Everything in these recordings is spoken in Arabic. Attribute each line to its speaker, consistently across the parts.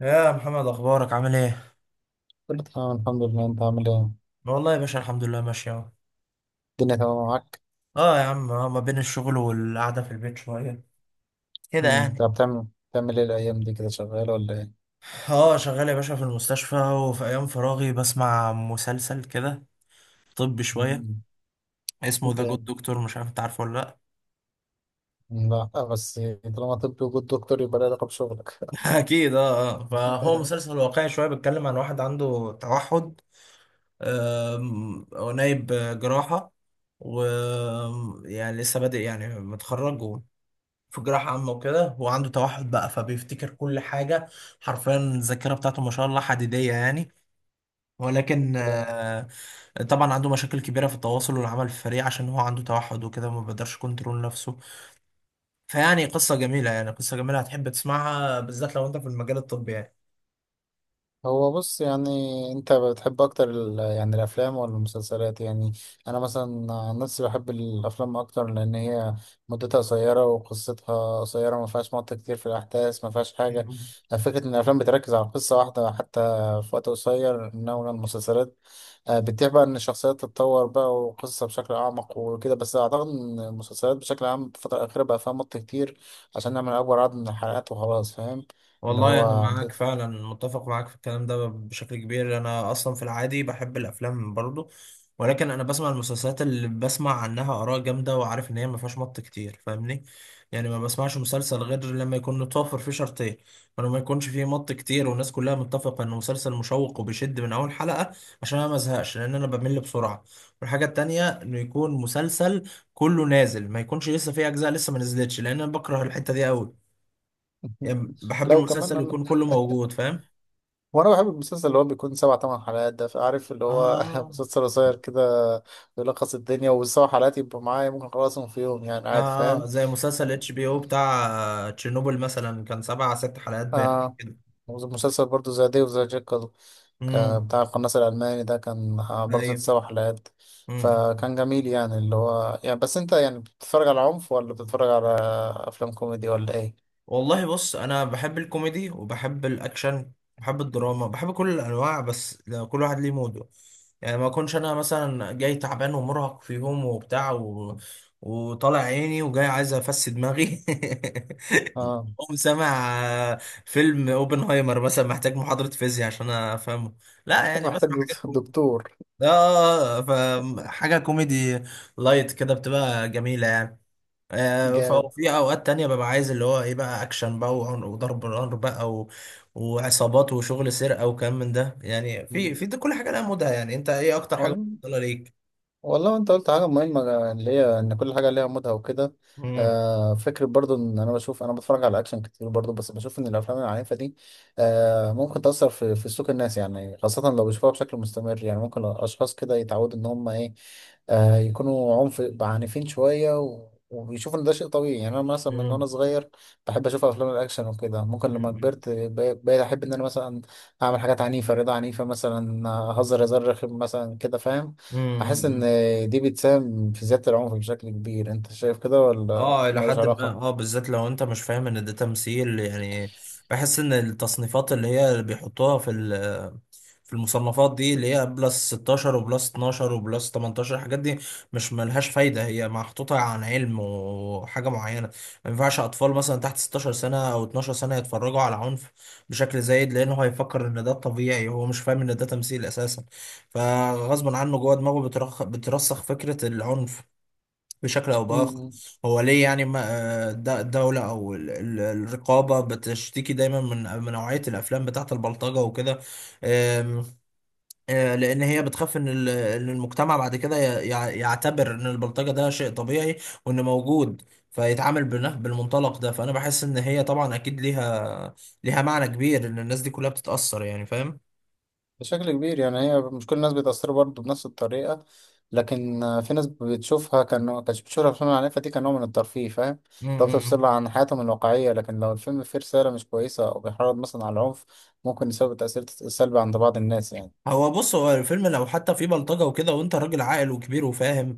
Speaker 1: يا محمد اخبارك عامل ايه؟
Speaker 2: كله تمام الحمد لله. انت عامل ايه؟
Speaker 1: والله يا باشا الحمد لله ماشي اهو.
Speaker 2: الدنيا تمام معاك؟
Speaker 1: اه يا عم ما بين الشغل والقعده في البيت شويه كده
Speaker 2: انت
Speaker 1: يعني.
Speaker 2: بتعمل ايه الايام دي كده، شغال ولا ايه؟
Speaker 1: اه شغال يا باشا في المستشفى وفي ايام فراغي بسمع مسلسل كده طبي شويه
Speaker 2: مم.
Speaker 1: اسمه ذا جود
Speaker 2: جامد.
Speaker 1: دكتور، مش عارف انت عارفه ولا لا.
Speaker 2: لا بس طالما طب وجود دكتور يبقى له علاقة بشغلك.
Speaker 1: اكيد اه فهو مسلسل واقعي شويه بيتكلم عن واحد عنده توحد. هو نايب جراحه و يعني لسه بادئ يعني متخرج في جراحة عامة وكده، وعنده توحد بقى فبيفتكر كل حاجة، حرفيا الذاكرة بتاعته ما شاء الله حديدية يعني. ولكن
Speaker 2: جامد.
Speaker 1: آه، طبعا عنده مشاكل كبيرة في التواصل والعمل في الفريق عشان هو عنده توحد وكده ما بيقدرش كنترول نفسه. فيعني قصة جميلة، يعني قصة جميلة هتحب تسمعها بالذات لو انت في المجال الطبي يعني.
Speaker 2: هو بص يعني، انت بتحب اكتر يعني الافلام ولا المسلسلات يعني؟ انا مثلا عن نفسي بحب الافلام اكتر، لان هي مدتها قصيره وقصتها قصيره، ما فيهاش مط كتير في الاحداث، ما فيهاش حاجه.
Speaker 1: مم.
Speaker 2: فكره ان الافلام بتركز على قصه واحده حتى في وقت قصير، انما المسلسلات بتبيع بقى ان الشخصيات تتطور بقى، وقصة بشكل اعمق وكده. بس اعتقد ان المسلسلات بشكل عام في الفترة الاخيرة بقى فيها مط كتير عشان نعمل اكبر عدد من الحلقات وخلاص، فاهم؟ اللي
Speaker 1: والله أنا
Speaker 2: هو
Speaker 1: معاك
Speaker 2: بتدفع.
Speaker 1: فعلا، متفق معاك في الكلام ده بشكل كبير. أنا أصلا في العادي بحب الأفلام برضه، ولكن أنا بسمع المسلسلات اللي بسمع عنها آراء جامدة وعارف إن هي مفيهاش مط كتير، فاهمني؟ يعني ما بسمعش مسلسل غير لما يكون متوفر فيه شرطين: ولما يكونش فيه مط كتير والناس كلها متفقة إنه مسلسل مشوق وبيشد من أول حلقة عشان أنا مزهقش، لأن أنا بمل بسرعة. والحاجة التانية إنه يكون مسلسل كله نازل، ما يكونش لسه فيه أجزاء لسه ما نزلتش، لأن أنا بكره الحتة دي أوي. يعني بحب
Speaker 2: لو كمان
Speaker 1: المسلسل
Speaker 2: انا،
Speaker 1: يكون كله موجود، فاهم؟
Speaker 2: وانا بحب المسلسل اللي هو بيكون سبع ثمان حلقات ده، فعارف اللي هو
Speaker 1: اه
Speaker 2: مسلسل قصير كده، بيلخص الدنيا. والسبع حلقات يبقوا معايا، ممكن اخلصهم في يوم يعني عادي،
Speaker 1: اه
Speaker 2: فاهم؟
Speaker 1: زي مسلسل اتش بي او بتاع تشيرنوبل مثلا، كان سبع ست حلقات باين
Speaker 2: آه
Speaker 1: كده.
Speaker 2: مسلسل برضو زي ديف، زي جيكل، ك-
Speaker 1: امم.
Speaker 2: بتاع القناص الألماني ده كان برضه ست
Speaker 1: ايوه.
Speaker 2: سبع حلقات،
Speaker 1: مم.
Speaker 2: فكان جميل يعني. اللي هو يعني بس انت يعني بتتفرج على عنف ولا بتتفرج على أفلام كوميدي ولا ايه؟
Speaker 1: والله بص، انا بحب الكوميدي وبحب الاكشن، بحب الدراما، بحب كل الانواع، بس لو كل واحد ليه موده. يعني ما اكونش انا مثلا جاي تعبان ومرهق في يوم وبتاع و... وطالع عيني وجاي عايز افس دماغي
Speaker 2: اه،
Speaker 1: قوم سامع فيلم اوبنهايمر مثلا، محتاج محاضرة فيزياء عشان افهمه. لا يعني
Speaker 2: محتاج
Speaker 1: بسمع حاجات كوميدي،
Speaker 2: دكتور.
Speaker 1: اه فحاجة كوميدي لايت كده بتبقى جميلة يعني.
Speaker 2: جامد.
Speaker 1: ففي اوقات تانية ببقى عايز اللي هو ايه بقى، اكشن بقى وعنق وضرب نار بقى و... وعصابات وشغل سرقة وكلام من ده يعني. في
Speaker 2: مم.
Speaker 1: في ده كل حاجة لها مودها يعني. انت ايه اكتر حاجة
Speaker 2: ولا،
Speaker 1: مفضلة ليك؟
Speaker 2: والله انت قلت حاجة مهمة اللي هي ان كل حاجة ليها مودها وكده.
Speaker 1: مم.
Speaker 2: فكرة برضو ان انا بشوف، انا بتفرج على اكشن كتير برضو، بس بشوف ان الافلام العنيفة دي ممكن تأثر في سلوك الناس يعني، خاصة لو بيشوفوها بشكل مستمر. يعني ممكن اشخاص كده يتعودوا ان هم ايه، يكونوا عنف عنيفين شوية وبيشوفوا إن ده شيء طبيعي. يعني أنا مثلا من
Speaker 1: مم.
Speaker 2: وأنا صغير بحب أشوف أفلام الأكشن وكده، ممكن لما
Speaker 1: مم.
Speaker 2: كبرت بقيت أحب إن أنا مثلا أعمل حاجات عنيفة، رضا عنيفة مثلا، أهزر هزار رخم مثلا كده، فاهم؟ أحس إن
Speaker 1: مم.
Speaker 2: دي بتساهم في زيادة العنف بشكل كبير. أنت شايف كده ولا
Speaker 1: اه الى
Speaker 2: ملوش
Speaker 1: حد ما
Speaker 2: علاقة؟
Speaker 1: اه، بالذات لو انت مش فاهم ان ده تمثيل يعني. بحس ان التصنيفات اللي هي اللي بيحطوها في في المصنفات دي، اللي هي بلس 16 وبلس 12 وبلس 18، الحاجات دي مش ملهاش فايدة، هي محطوطة عن علم وحاجة معينة. ما ينفعش أطفال مثلا تحت 16 سنة أو 12 سنة يتفرجوا على عنف بشكل زايد، لأنه هيفكر إن ده طبيعي، هو مش فاهم إن ده تمثيل أساسا. فغصب عنه جوه دماغه بترسخ فكرة العنف بشكل أو بآخر.
Speaker 2: مم.
Speaker 1: هو ليه يعني ما الدولة أو الرقابة بتشتكي دايما من نوعية الأفلام بتاعة البلطجة وكده، لان هي بتخاف إن المجتمع بعد كده يعتبر ان البلطجه ده شيء طبيعي وان موجود، بالمنطلق ده. فانا بحس ان هي طبعا اكيد ليها معنى كبير ان الناس دي كلها بتتاثر يعني، فاهم؟
Speaker 2: بشكل كبير، يعني هي مش كل الناس بيتأثروا برضه بنفس الطريقة. لكن في ناس بتشوفها كانت بتشوفها في على النت دي كنوع من الترفيه، فاهم؟ لو بتفصل
Speaker 1: امم.
Speaker 2: عن حياتهم الواقعية. لكن لو الفيلم فيه رسالة مش كويسة أو بيحرض مثلا على العنف ممكن يسبب تأثير سلبي عند بعض الناس يعني.
Speaker 1: هو بص، هو الفيلم لو حتى فيه بلطجه وكده وانت راجل عاقل وكبير وفاهم،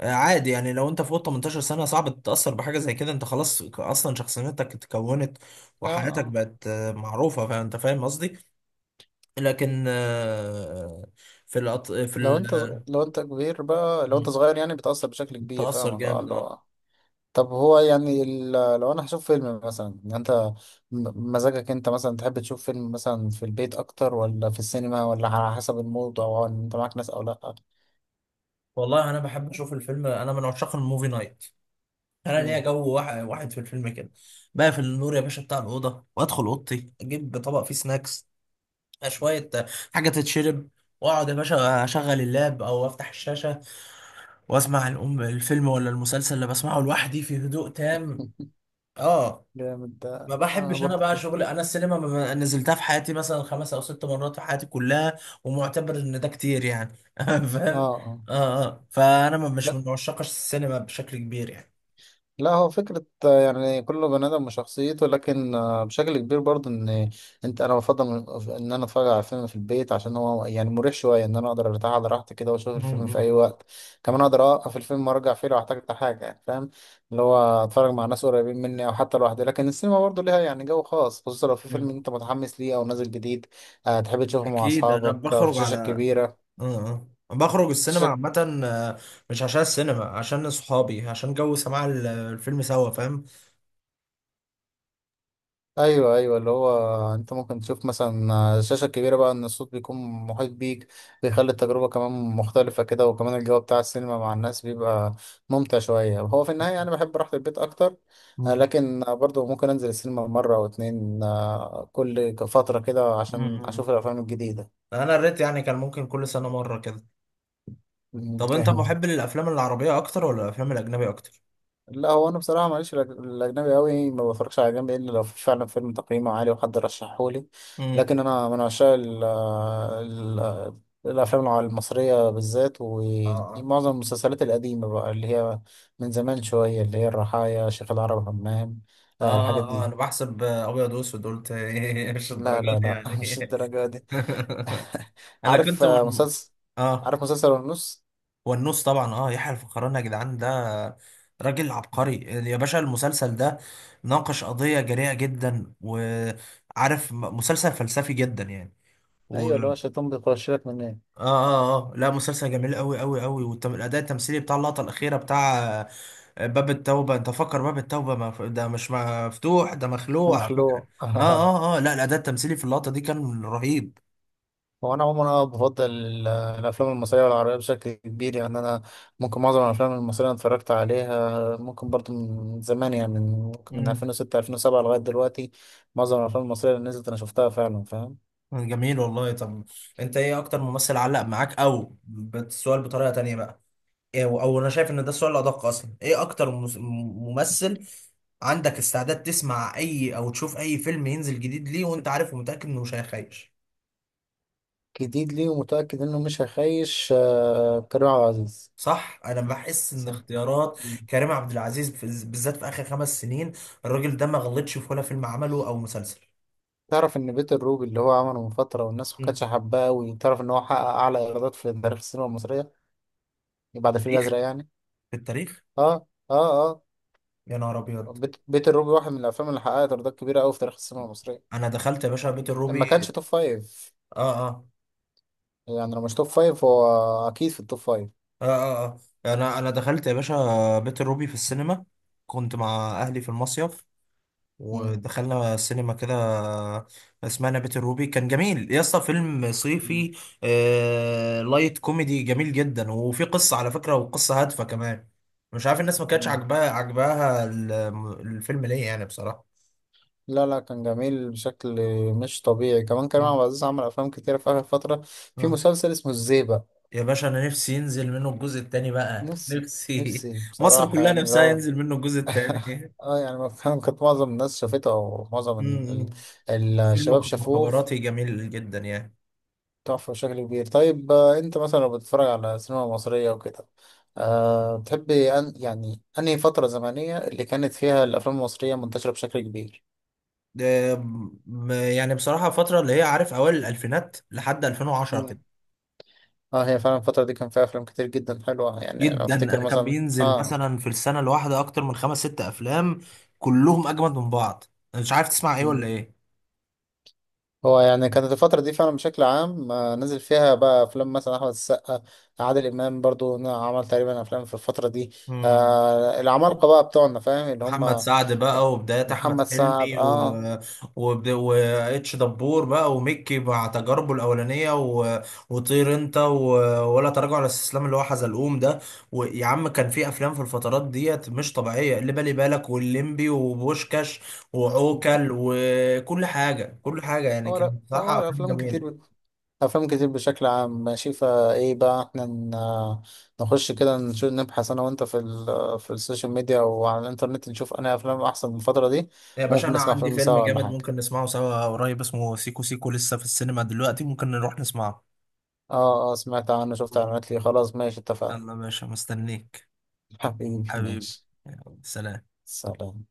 Speaker 1: عادي يعني. لو انت فوق 18 سنه صعب تتاثر بحاجه زي كده، انت خلاص اصلا شخصيتك اتكونت
Speaker 2: آه،
Speaker 1: وحياتك
Speaker 2: آه.
Speaker 1: بقت معروفه، فانت فاهم قصدي. لكن آه، في
Speaker 2: لو أنت لو أنت كبير بقى، لو أنت صغير يعني بتأثر بشكل كبير،
Speaker 1: تأثر
Speaker 2: فاهم؟
Speaker 1: جامد اه.
Speaker 2: طب هو يعني لو انا هشوف فيلم مثلا، يعني انت مزاجك انت مثلا تحب تشوف فيلم مثلا في البيت اكتر ولا في السينما، ولا على حسب المود او ان انت معاك ناس او لا؟
Speaker 1: والله انا بحب اشوف الفيلم، انا من عشاق الموفي نايت. انا ليا
Speaker 2: مم.
Speaker 1: جو واحد في الفيلم كده. بقفل النور يا باشا بتاع الاوضه، وادخل اوضتي اجيب طبق فيه سناكس شويه، حاجه تتشرب، واقعد يا باشا اشغل اللاب او افتح الشاشه واسمع الام الفيلم ولا المسلسل اللي بسمعه لوحدي في هدوء تام. اه.
Speaker 2: جامد، ده
Speaker 1: ما
Speaker 2: انا
Speaker 1: بحبش انا
Speaker 2: برضه
Speaker 1: بقى
Speaker 2: كده.
Speaker 1: شغل، انا السينما ما نزلتها في حياتي مثلا خمس او ست مرات في حياتي كلها، ومعتبر ان ده كتير يعني
Speaker 2: اه،
Speaker 1: فاهم.
Speaker 2: اه.
Speaker 1: اه اه. فانا مش من عشاق السينما بشكل كبير يعني.
Speaker 2: لا، هو فكرة يعني كل بني آدم وشخصيته، لكن بشكل كبير برضه، إن أنت. أنا بفضل إن أنا أتفرج على فيلم في البيت، عشان هو يعني مريح شوية، إن أنا أقدر أرتاح على راحتي كده وأشوف الفيلم في
Speaker 1: مم.
Speaker 2: أي وقت. كمان أقدر أوقف الفيلم وأرجع فيه لو احتجت حاجة يعني، فاهم؟ اللي هو أتفرج مع ناس قريبين مني أو حتى لوحدي. لكن السينما برضه ليها يعني جو خاص، خصوصا لو في فيلم
Speaker 1: مم.
Speaker 2: أنت متحمس ليه أو نازل جديد، تحب تشوفه مع
Speaker 1: اكيد انا
Speaker 2: أصحابك في
Speaker 1: بخرج
Speaker 2: شاشة
Speaker 1: على
Speaker 2: كبيرة.
Speaker 1: اه، اه بخرج السينما عامة، مش عشان السينما، عشان صحابي، عشان جو سماع الفيلم سوا، فاهم؟
Speaker 2: ايوه، ايوه، اللي هو انت ممكن تشوف مثلا الشاشه الكبيره بقى، ان الصوت بيكون محيط بيك، بيخلي التجربه كمان مختلفه كده، وكمان الجو بتاع السينما مع الناس بيبقى ممتع شويه. هو في النهايه انا بحب راحه البيت اكتر،
Speaker 1: مم.
Speaker 2: لكن برضو ممكن انزل السينما مره او اتنين، كل فتره كده عشان
Speaker 1: مم.
Speaker 2: اشوف الافلام الجديده.
Speaker 1: انا الريت يعني كان ممكن كل سنة مرة كده. طب انت محب للافلام العربية اكتر ولا الافلام الاجنبية اكتر؟
Speaker 2: لا، هو انا بصراحه ماليش في الاجنبي قوي، ما بفرجش على اجنبي الا لو في فعلا فيلم تقييمه عالي وحد رشحه لي.
Speaker 1: مم.
Speaker 2: لكن انا من عشاق الافلام المصريه بالذات،
Speaker 1: اه اه
Speaker 2: ومعظم المسلسلات القديمه بقى اللي هي من زمان شويه، اللي هي الرحايا، شيخ العرب همام،
Speaker 1: اه اه
Speaker 2: الحاجات
Speaker 1: انا
Speaker 2: دي.
Speaker 1: بحسب ابيض واسود، قلت إيه، مش
Speaker 2: لا،
Speaker 1: الدرجات
Speaker 2: لا،
Speaker 1: دي
Speaker 2: لا. مش
Speaker 1: يعني
Speaker 2: الدرجه دي.
Speaker 1: انا
Speaker 2: عارف
Speaker 1: كنت من
Speaker 2: مسلسل؟
Speaker 1: اه.
Speaker 2: عارف مسلسل ونص؟
Speaker 1: والنص طبعا، اه يحيى الفخراني يا جدعان ده راجل عبقري. يا باشا المسلسل ده ناقش قضية جريئة جدا، وعارف مسلسل فلسفي جدا يعني و...
Speaker 2: ايوه، اللي هو الشيطان بيخش لك من.
Speaker 1: اه اه اه لا، مسلسل جميل قوي قوي قوي، والاداء التمثيلي بتاع اللقطة الأخيرة بتاع باب التوبة، انت فكر باب التوبة ده مش مفتوح، ده مخلوع، فاكر؟
Speaker 2: مخلوع.
Speaker 1: اه اه اه لا، الأداء التمثيلي في اللقطة دي كان رهيب.
Speaker 2: هو انا عموما، انا بفضل الافلام المصريه والعربيه بشكل كبير يعني. انا ممكن معظم الافلام المصريه أنا اتفرجت عليها، ممكن برضو من زمان يعني، من ممكن من
Speaker 1: مم.
Speaker 2: 2006 2007 لغايه دلوقتي. معظم الافلام المصريه اللي نزلت انا شفتها فعلا، فاهم؟
Speaker 1: جميل والله. طب انت ايه اكتر ممثل علق معاك او السؤال بطريقة تانية بقى، ايه او أو، انا شايف ان ده السؤال الأدق اصلا، ايه اكتر ممثل عندك استعداد تسمع اي او تشوف اي فيلم ينزل جديد ليه وانت عارف ومتأكد انه مش هيخيش؟
Speaker 2: جديد لي ومتاكد انه مش هيخيش، كريم عبد العزيز.
Speaker 1: صح، انا بحس ان
Speaker 2: صح.
Speaker 1: اختيارات
Speaker 2: مم.
Speaker 1: كريم عبد العزيز بالذات في اخر خمس سنين، الراجل ده ما غلطش في ولا فيلم عمله او مسلسل.
Speaker 2: تعرف ان بيت الروبي اللي هو عمله من فتره والناس ما
Speaker 1: مم.
Speaker 2: كانتش حباه؟ وتعرف ان هو حقق اعلى ايرادات في تاريخ السينما المصريه بعد الفيل
Speaker 1: تاريخ،
Speaker 2: الازرق يعني.
Speaker 1: في التاريخ.
Speaker 2: اه، اه، أه.
Speaker 1: يا نهار ابيض.
Speaker 2: بيت الروبي واحد من الافلام اللي حققت ايرادات كبيره قوي في تاريخ السينما المصريه،
Speaker 1: انا دخلت يا باشا بيت
Speaker 2: إن ما
Speaker 1: الروبي.
Speaker 2: كانش توب فايف.
Speaker 1: اه اه
Speaker 2: يعني لو مش توب فايف، هو اكيد في التوب فايف.
Speaker 1: اه اه, آه. انا دخلت يا باشا بيت الروبي في السينما، كنت مع اهلي في المصيف،
Speaker 2: مم.
Speaker 1: ودخلنا سينما كده اسمها بيت الروبي، كان جميل يا اسطى، فيلم
Speaker 2: مم.
Speaker 1: صيفي آه... لايت كوميدي جميل جدا، وفي قصة على فكرة، وقصة هادفة كمان. مش عارف الناس ما كانتش
Speaker 2: مم.
Speaker 1: عاجباها، عاجباها الفيلم ليه يعني بصراحة.
Speaker 2: لا، لا، كان جميل بشكل مش طبيعي. كمان كريم عبد
Speaker 1: مم.
Speaker 2: العزيز عمل افلام كتيره في اخر فتره، في
Speaker 1: آه.
Speaker 2: مسلسل اسمه الزيبق.
Speaker 1: يا باشا انا نفسي ينزل منه الجزء التاني بقى،
Speaker 2: نفسي،
Speaker 1: نفسي
Speaker 2: نفسي
Speaker 1: مصر
Speaker 2: بصراحه،
Speaker 1: كلها
Speaker 2: يعني اللي
Speaker 1: نفسها
Speaker 2: هو.
Speaker 1: ينزل منه الجزء التاني.
Speaker 2: اه، يعني ما كان- كانت معظم الناس شافته، او معظم ال-
Speaker 1: مم. فيلم
Speaker 2: الشباب شافوه.
Speaker 1: مخابراتي جميل جدا يعني.
Speaker 2: تحفة بشكل كبير. طيب انت مثلا لو بتتفرج على سينما مصرية وكده، أه بتحب أن يعني انهي فترة زمنية اللي كانت فيها الافلام المصرية منتشرة بشكل كبير؟
Speaker 1: آم، يعني بصراحة الفترة اللي هي عارف أوائل الألفينات لحد 2010 كده.
Speaker 2: مم. اه، هي فعلا الفترة دي كان فيها افلام كتير جدا حلوة، يعني انا
Speaker 1: جدا،
Speaker 2: افتكر
Speaker 1: أنا كان
Speaker 2: مثلا
Speaker 1: بينزل
Speaker 2: اه.
Speaker 1: مثلا في السنة الواحدة أكتر من خمس ست أفلام كلهم أجمد من بعض، أنا مش عارف تسمع إيه
Speaker 2: مم.
Speaker 1: ولا إيه؟
Speaker 2: هو يعني كانت الفترة دي فعلا بشكل عام، نزل فيها بقى أفلام، مثلا أحمد السقا، عادل إمام برضو عمل تقريبا أفلام في الفترة دي،
Speaker 1: مم.
Speaker 2: العمالقة بقى بتوعنا، فاهم؟ اللي
Speaker 1: محمد
Speaker 2: هم
Speaker 1: سعد
Speaker 2: يعني
Speaker 1: بقى، وبدايات احمد
Speaker 2: محمد سعد،
Speaker 1: حلمي و
Speaker 2: اه.
Speaker 1: واتش دبور بقى، وميكي مع تجاربه الاولانيه و... وطير انت و... ولا تراجع ولا استسلام اللي هو حزلقوم ده. ويا عم كان في افلام في الفترات ديت مش طبيعيه، اللي بالي بالك والليمبي وبوشكاش وعوكل وكل حاجه كل حاجه، يعني
Speaker 2: هو لا،
Speaker 1: كانت
Speaker 2: هو
Speaker 1: بصراحه افلام
Speaker 2: أفلام كتير،
Speaker 1: جميله.
Speaker 2: أفلام كتير بشكل عام ماشي. فإيه بقى إحنا نخش كده نشوف، نبحث أنا وأنت في ال في السوشيال ميديا وعلى الإنترنت، نشوف أنا أفلام أحسن من الفترة دي.
Speaker 1: يا باشا
Speaker 2: ممكن
Speaker 1: انا
Speaker 2: نسمع
Speaker 1: عندي
Speaker 2: فيلم
Speaker 1: فيلم
Speaker 2: سوا ولا
Speaker 1: جامد
Speaker 2: حاجة.
Speaker 1: ممكن نسمعه سوا قريب، اسمه سيكو سيكو لسه في السينما دلوقتي، ممكن نروح نسمعه.
Speaker 2: آه، آه، سمعت عنه، شفت إعلانات ليه، خلاص ماشي اتفقنا.
Speaker 1: يلا يا باشا مستنيك،
Speaker 2: حبيبي
Speaker 1: حبيبي.
Speaker 2: ماشي.
Speaker 1: يلا، سلام.
Speaker 2: سلام.